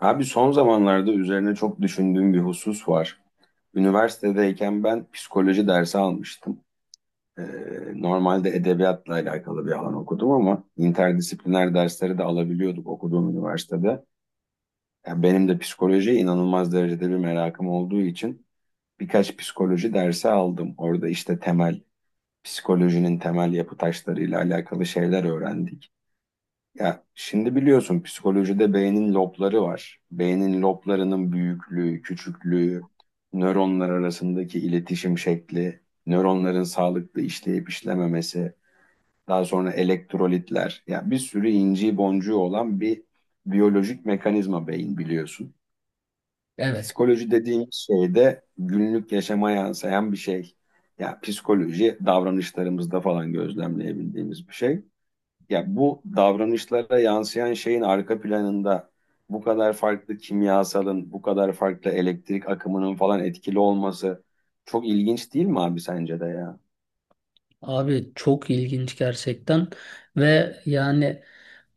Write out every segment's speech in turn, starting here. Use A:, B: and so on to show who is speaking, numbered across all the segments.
A: Abi son zamanlarda üzerine çok düşündüğüm bir husus var. Üniversitedeyken ben psikoloji dersi almıştım. Ee, normalde edebiyatla alakalı bir alan okudum ama interdisipliner dersleri de alabiliyorduk okuduğum üniversitede. Yani benim de psikolojiye inanılmaz derecede bir merakım olduğu için birkaç psikoloji dersi aldım. Orada işte temel, psikolojinin temel yapı taşlarıyla alakalı şeyler öğrendik. Ya şimdi biliyorsun psikolojide beynin lobları var. Beynin loblarının büyüklüğü, küçüklüğü, nöronlar arasındaki iletişim şekli, nöronların sağlıklı işleyip işlememesi, daha sonra elektrolitler. Ya bir sürü inci boncuğu olan bir biyolojik mekanizma beyin biliyorsun.
B: Evet
A: Psikoloji dediğin şey de günlük yaşama yansıyan bir şey. Ya psikoloji davranışlarımızda falan gözlemleyebildiğimiz bir şey. Ya bu davranışlara yansıyan şeyin arka planında bu kadar farklı kimyasalın, bu kadar farklı elektrik akımının falan etkili olması çok ilginç değil mi abi sence de ya?
B: abi, çok ilginç gerçekten ve yani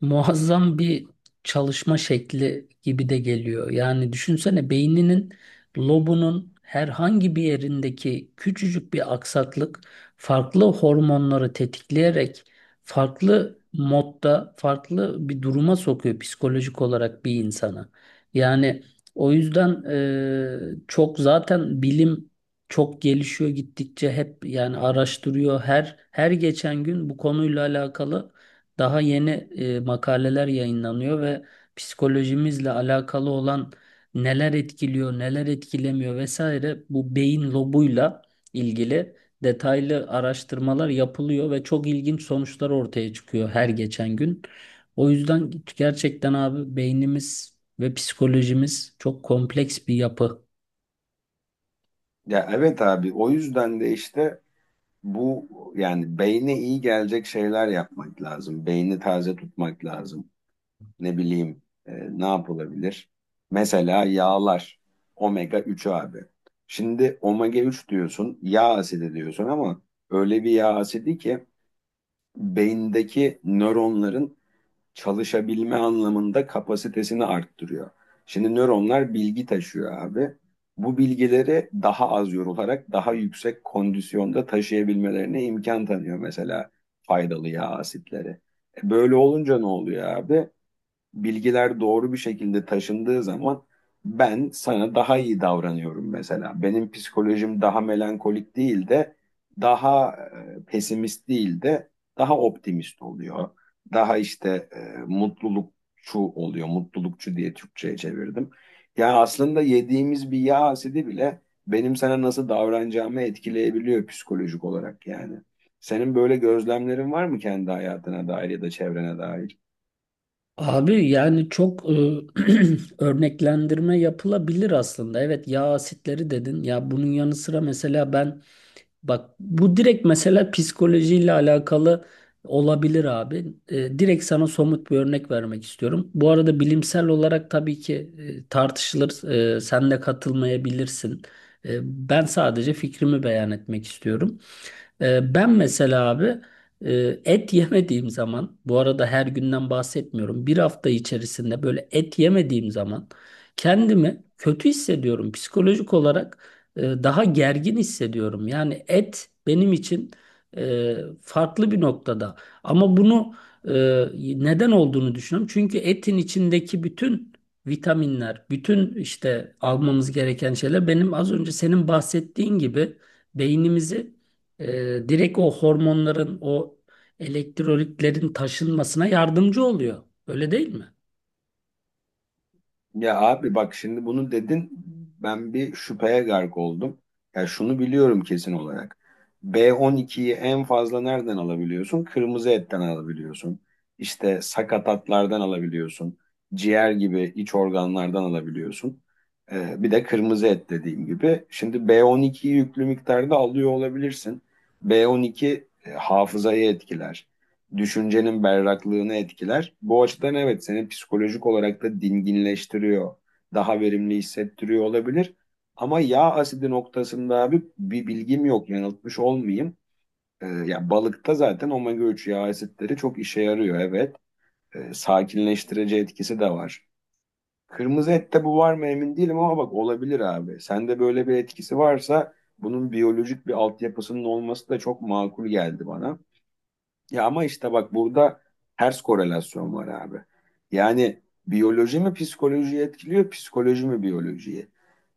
B: muazzam bir çalışma şekli gibi de geliyor. Yani düşünsene, beyninin lobunun herhangi bir yerindeki küçücük bir aksaklık farklı hormonları tetikleyerek farklı modda farklı bir duruma sokuyor psikolojik olarak bir insana. Yani o yüzden çok zaten bilim çok gelişiyor gittikçe, hep yani araştırıyor her geçen gün bu konuyla alakalı daha yeni makaleler yayınlanıyor ve psikolojimizle alakalı olan neler etkiliyor, neler etkilemiyor vesaire, bu beyin lobuyla ilgili detaylı araştırmalar yapılıyor ve çok ilginç sonuçlar ortaya çıkıyor her geçen gün. O yüzden gerçekten abi, beynimiz ve psikolojimiz çok kompleks bir yapı.
A: Ya evet abi o yüzden de işte bu yani beyne iyi gelecek şeyler yapmak lazım. Beyni taze tutmak lazım. Ne bileyim ne yapılabilir? Mesela yağlar omega 3 abi. Şimdi omega 3 diyorsun, yağ asidi diyorsun ama öyle bir yağ asidi ki beyindeki nöronların çalışabilme anlamında kapasitesini arttırıyor. Şimdi nöronlar bilgi taşıyor abi. Bu bilgileri daha az yorularak daha yüksek kondisyonda taşıyabilmelerine imkan tanıyor mesela faydalı yağ asitleri. E böyle olunca ne oluyor abi? Bilgiler doğru bir şekilde taşındığı zaman ben sana daha iyi davranıyorum mesela. Benim psikolojim daha melankolik değil de daha pesimist değil de daha optimist oluyor. Daha işte mutlulukçu oluyor. Mutlulukçu diye Türkçe'ye çevirdim. Yani aslında yediğimiz bir yağ asidi bile benim sana nasıl davranacağımı etkileyebiliyor psikolojik olarak yani. Senin böyle gözlemlerin var mı kendi hayatına dair ya da çevrene dair?
B: Abi yani örneklendirme yapılabilir aslında. Evet, yağ asitleri dedin. Ya bunun yanı sıra mesela ben, bak, bu direkt mesela psikolojiyle alakalı olabilir abi. Direkt sana somut bir örnek vermek istiyorum. Bu arada bilimsel olarak tabii ki tartışılır. Sen de katılmayabilirsin. E, Ben sadece fikrimi beyan etmek istiyorum. Ben mesela abi et yemediğim zaman, bu arada her günden bahsetmiyorum, bir hafta içerisinde böyle et yemediğim zaman kendimi kötü hissediyorum. Psikolojik olarak daha gergin hissediyorum. Yani et benim için e, farklı bir noktada. Ama bunu e, neden olduğunu düşünüyorum. Çünkü etin içindeki bütün vitaminler, bütün işte almamız gereken şeyler, benim az önce senin bahsettiğin gibi beynimizi e, direkt o hormonların, o elektrolitlerin taşınmasına yardımcı oluyor. Öyle değil mi?
A: Ya abi bak şimdi bunu dedin ben bir şüpheye gark oldum. Ya şunu biliyorum kesin olarak. B12'yi en fazla nereden alabiliyorsun? Kırmızı etten alabiliyorsun. İşte sakatatlardan alabiliyorsun. Ciğer gibi iç organlardan alabiliyorsun. Bir de kırmızı et dediğim gibi. Şimdi B12'yi yüklü miktarda alıyor olabilirsin. B12 hafızayı etkiler, düşüncenin berraklığını etkiler. Bu açıdan evet seni psikolojik olarak da dinginleştiriyor. Daha verimli hissettiriyor olabilir. Ama yağ asidi noktasında abi bir bilgim yok yanıltmış olmayayım. Ya balıkta zaten omega 3 yağ asitleri çok işe yarıyor evet. Sakinleştirici etkisi de var. Kırmızı ette bu var mı emin değilim ama bak olabilir abi. Sende böyle bir etkisi varsa bunun biyolojik bir altyapısının olması da çok makul geldi bana. Ya ama işte bak burada ters korelasyon var abi. Yani biyoloji mi psikolojiyi etkiliyor, psikoloji mi biyolojiyi?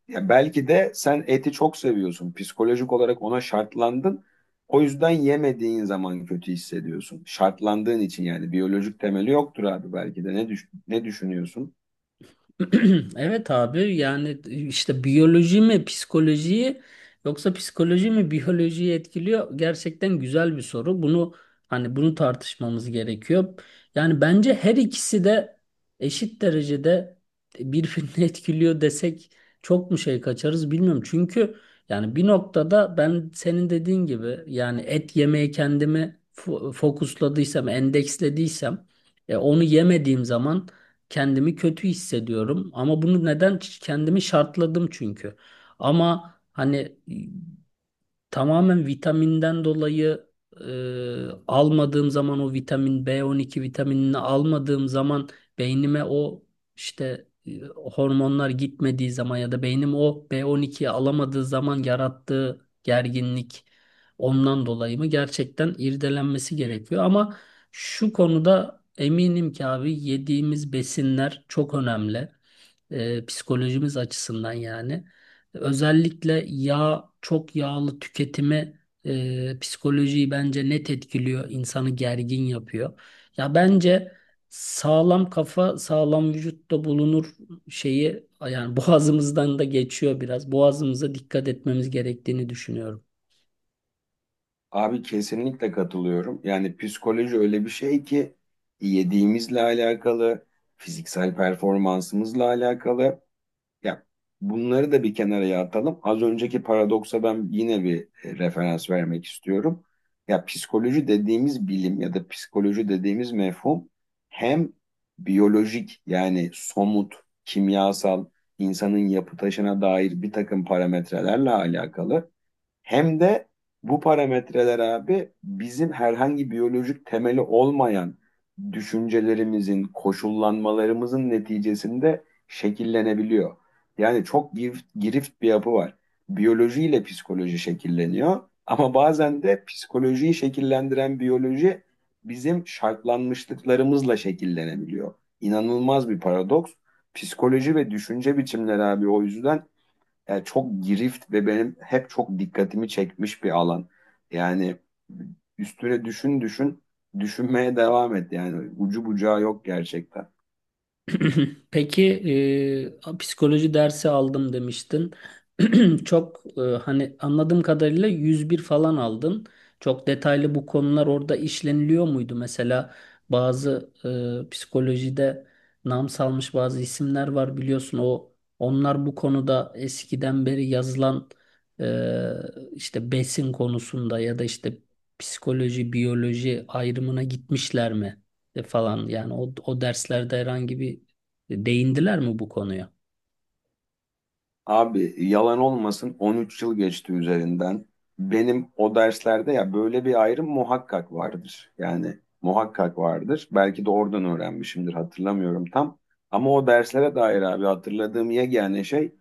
A: Ya belki de sen eti çok seviyorsun. Psikolojik olarak ona şartlandın. O yüzden yemediğin zaman kötü hissediyorsun. Şartlandığın için yani biyolojik temeli yoktur abi belki de. Ne düşünüyorsun?
B: Evet abi, yani işte biyoloji mi psikolojiyi yoksa psikoloji mi biyolojiyi etkiliyor? Gerçekten güzel bir soru. Bunu, hani bunu tartışmamız gerekiyor. Yani bence her ikisi de eşit derecede birbirini etkiliyor desek çok mu şey kaçarız bilmiyorum. Çünkü yani bir noktada, ben senin dediğin gibi yani et yemeye kendimi fokusladıysam, endekslediysem, onu yemediğim zaman kendimi kötü hissediyorum ama bunu neden, kendimi şartladım çünkü. Ama hani tamamen vitaminden dolayı almadığım zaman, o vitamin B12 vitaminini almadığım zaman, beynime o işte hormonlar gitmediği zaman ya da beynim o B12'yi alamadığı zaman yarattığı gerginlik ondan dolayı mı, gerçekten irdelenmesi gerekiyor. Ama şu konuda eminim ki abi, yediğimiz besinler çok önemli psikolojimiz açısından yani. Özellikle yağ, çok yağlı tüketimi psikolojiyi bence net etkiliyor, insanı gergin yapıyor. Ya bence sağlam kafa, sağlam vücutta bulunur şeyi yani boğazımızdan da geçiyor biraz. Boğazımıza dikkat etmemiz gerektiğini düşünüyorum.
A: Abi kesinlikle katılıyorum. Yani psikoloji öyle bir şey ki yediğimizle alakalı, fiziksel performansımızla alakalı. Ya bunları da bir kenara atalım. Az önceki paradoksa ben yine bir referans vermek istiyorum. Ya psikoloji dediğimiz bilim ya da psikoloji dediğimiz mefhum hem biyolojik yani somut, kimyasal, insanın yapı taşına dair bir takım parametrelerle alakalı hem de bu parametreler abi bizim herhangi biyolojik temeli olmayan düşüncelerimizin, koşullanmalarımızın neticesinde şekillenebiliyor. Yani çok girift, girift bir yapı var. Biyolojiyle psikoloji şekilleniyor ama bazen de psikolojiyi şekillendiren biyoloji bizim şartlanmışlıklarımızla şekillenebiliyor. İnanılmaz bir paradoks. Psikoloji ve düşünce biçimleri abi o yüzden yani çok girift ve benim hep çok dikkatimi çekmiş bir alan. Yani üstüne düşün düşün, düşünmeye devam et. Yani ucu bucağı yok gerçekten.
B: Peki psikoloji dersi aldım demiştin. Hani anladığım kadarıyla 101 falan aldın. Çok detaylı bu konular orada işleniliyor muydu? Mesela bazı psikolojide nam salmış bazı isimler var biliyorsun. Onlar bu konuda eskiden beri yazılan işte besin konusunda ya da işte psikoloji biyoloji ayrımına gitmişler mi? Falan yani o derslerde herhangi bir, değindiler mi bu konuya?
A: Abi yalan olmasın 13 yıl geçti üzerinden. Benim o derslerde ya böyle bir ayrım muhakkak vardır. Yani muhakkak vardır. Belki de oradan öğrenmişimdir hatırlamıyorum tam. Ama o derslere dair abi hatırladığım yegane şey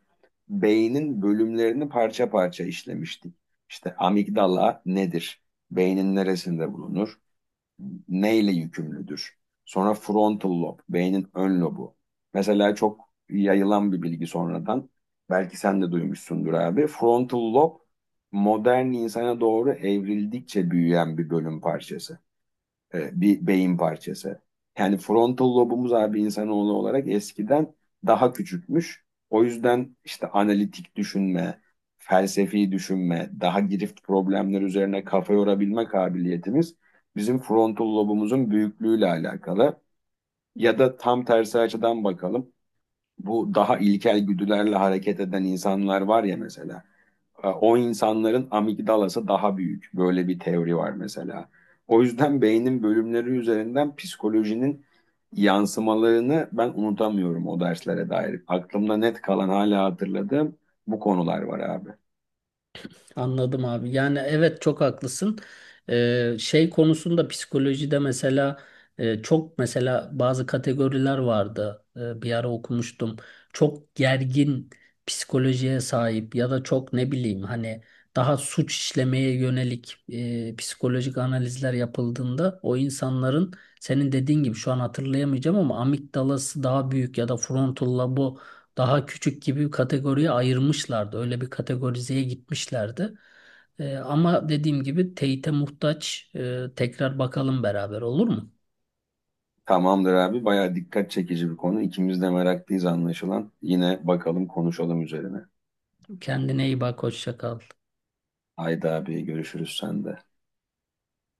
A: beynin bölümlerini parça parça işlemiştik. İşte amigdala nedir? Beynin neresinde bulunur? Neyle yükümlüdür? Sonra frontal lob, beynin ön lobu. Mesela çok yayılan bir bilgi sonradan. Belki sen de duymuşsundur abi. Frontal lob modern insana doğru evrildikçe büyüyen bir bölüm parçası bir beyin parçası. Yani frontal lobumuz abi insanoğlu olarak eskiden daha küçükmüş. O yüzden işte analitik düşünme, felsefi düşünme, daha girift problemler üzerine kafa yorabilme kabiliyetimiz bizim frontal lobumuzun büyüklüğüyle alakalı. Ya da tam tersi açıdan bakalım. Bu daha ilkel güdülerle hareket eden insanlar var ya mesela o insanların amigdalası daha büyük. Böyle bir teori var mesela. O yüzden beynin bölümleri üzerinden psikolojinin yansımalarını ben unutamıyorum o derslere dair. Aklımda net kalan hala hatırladığım bu konular var abi.
B: Anladım abi. Yani evet, çok haklısın. Şey konusunda psikolojide mesela çok mesela bazı kategoriler vardı. Bir ara okumuştum. Çok gergin psikolojiye sahip ya da çok ne bileyim, hani daha suç işlemeye yönelik psikolojik analizler yapıldığında o insanların, senin dediğin gibi şu an hatırlayamayacağım ama, amigdalası daha büyük ya da frontal lobu daha küçük gibi bir kategoriye ayırmışlardı. Öyle bir kategorizeye gitmişlerdi. Ama dediğim gibi teyite muhtaç. Tekrar bakalım beraber, olur mu?
A: Tamamdır abi bayağı dikkat çekici bir konu. İkimiz de meraklıyız anlaşılan. Yine bakalım konuşalım üzerine.
B: Kendine iyi bak, hoşça kal.
A: Haydi abi görüşürüz sende.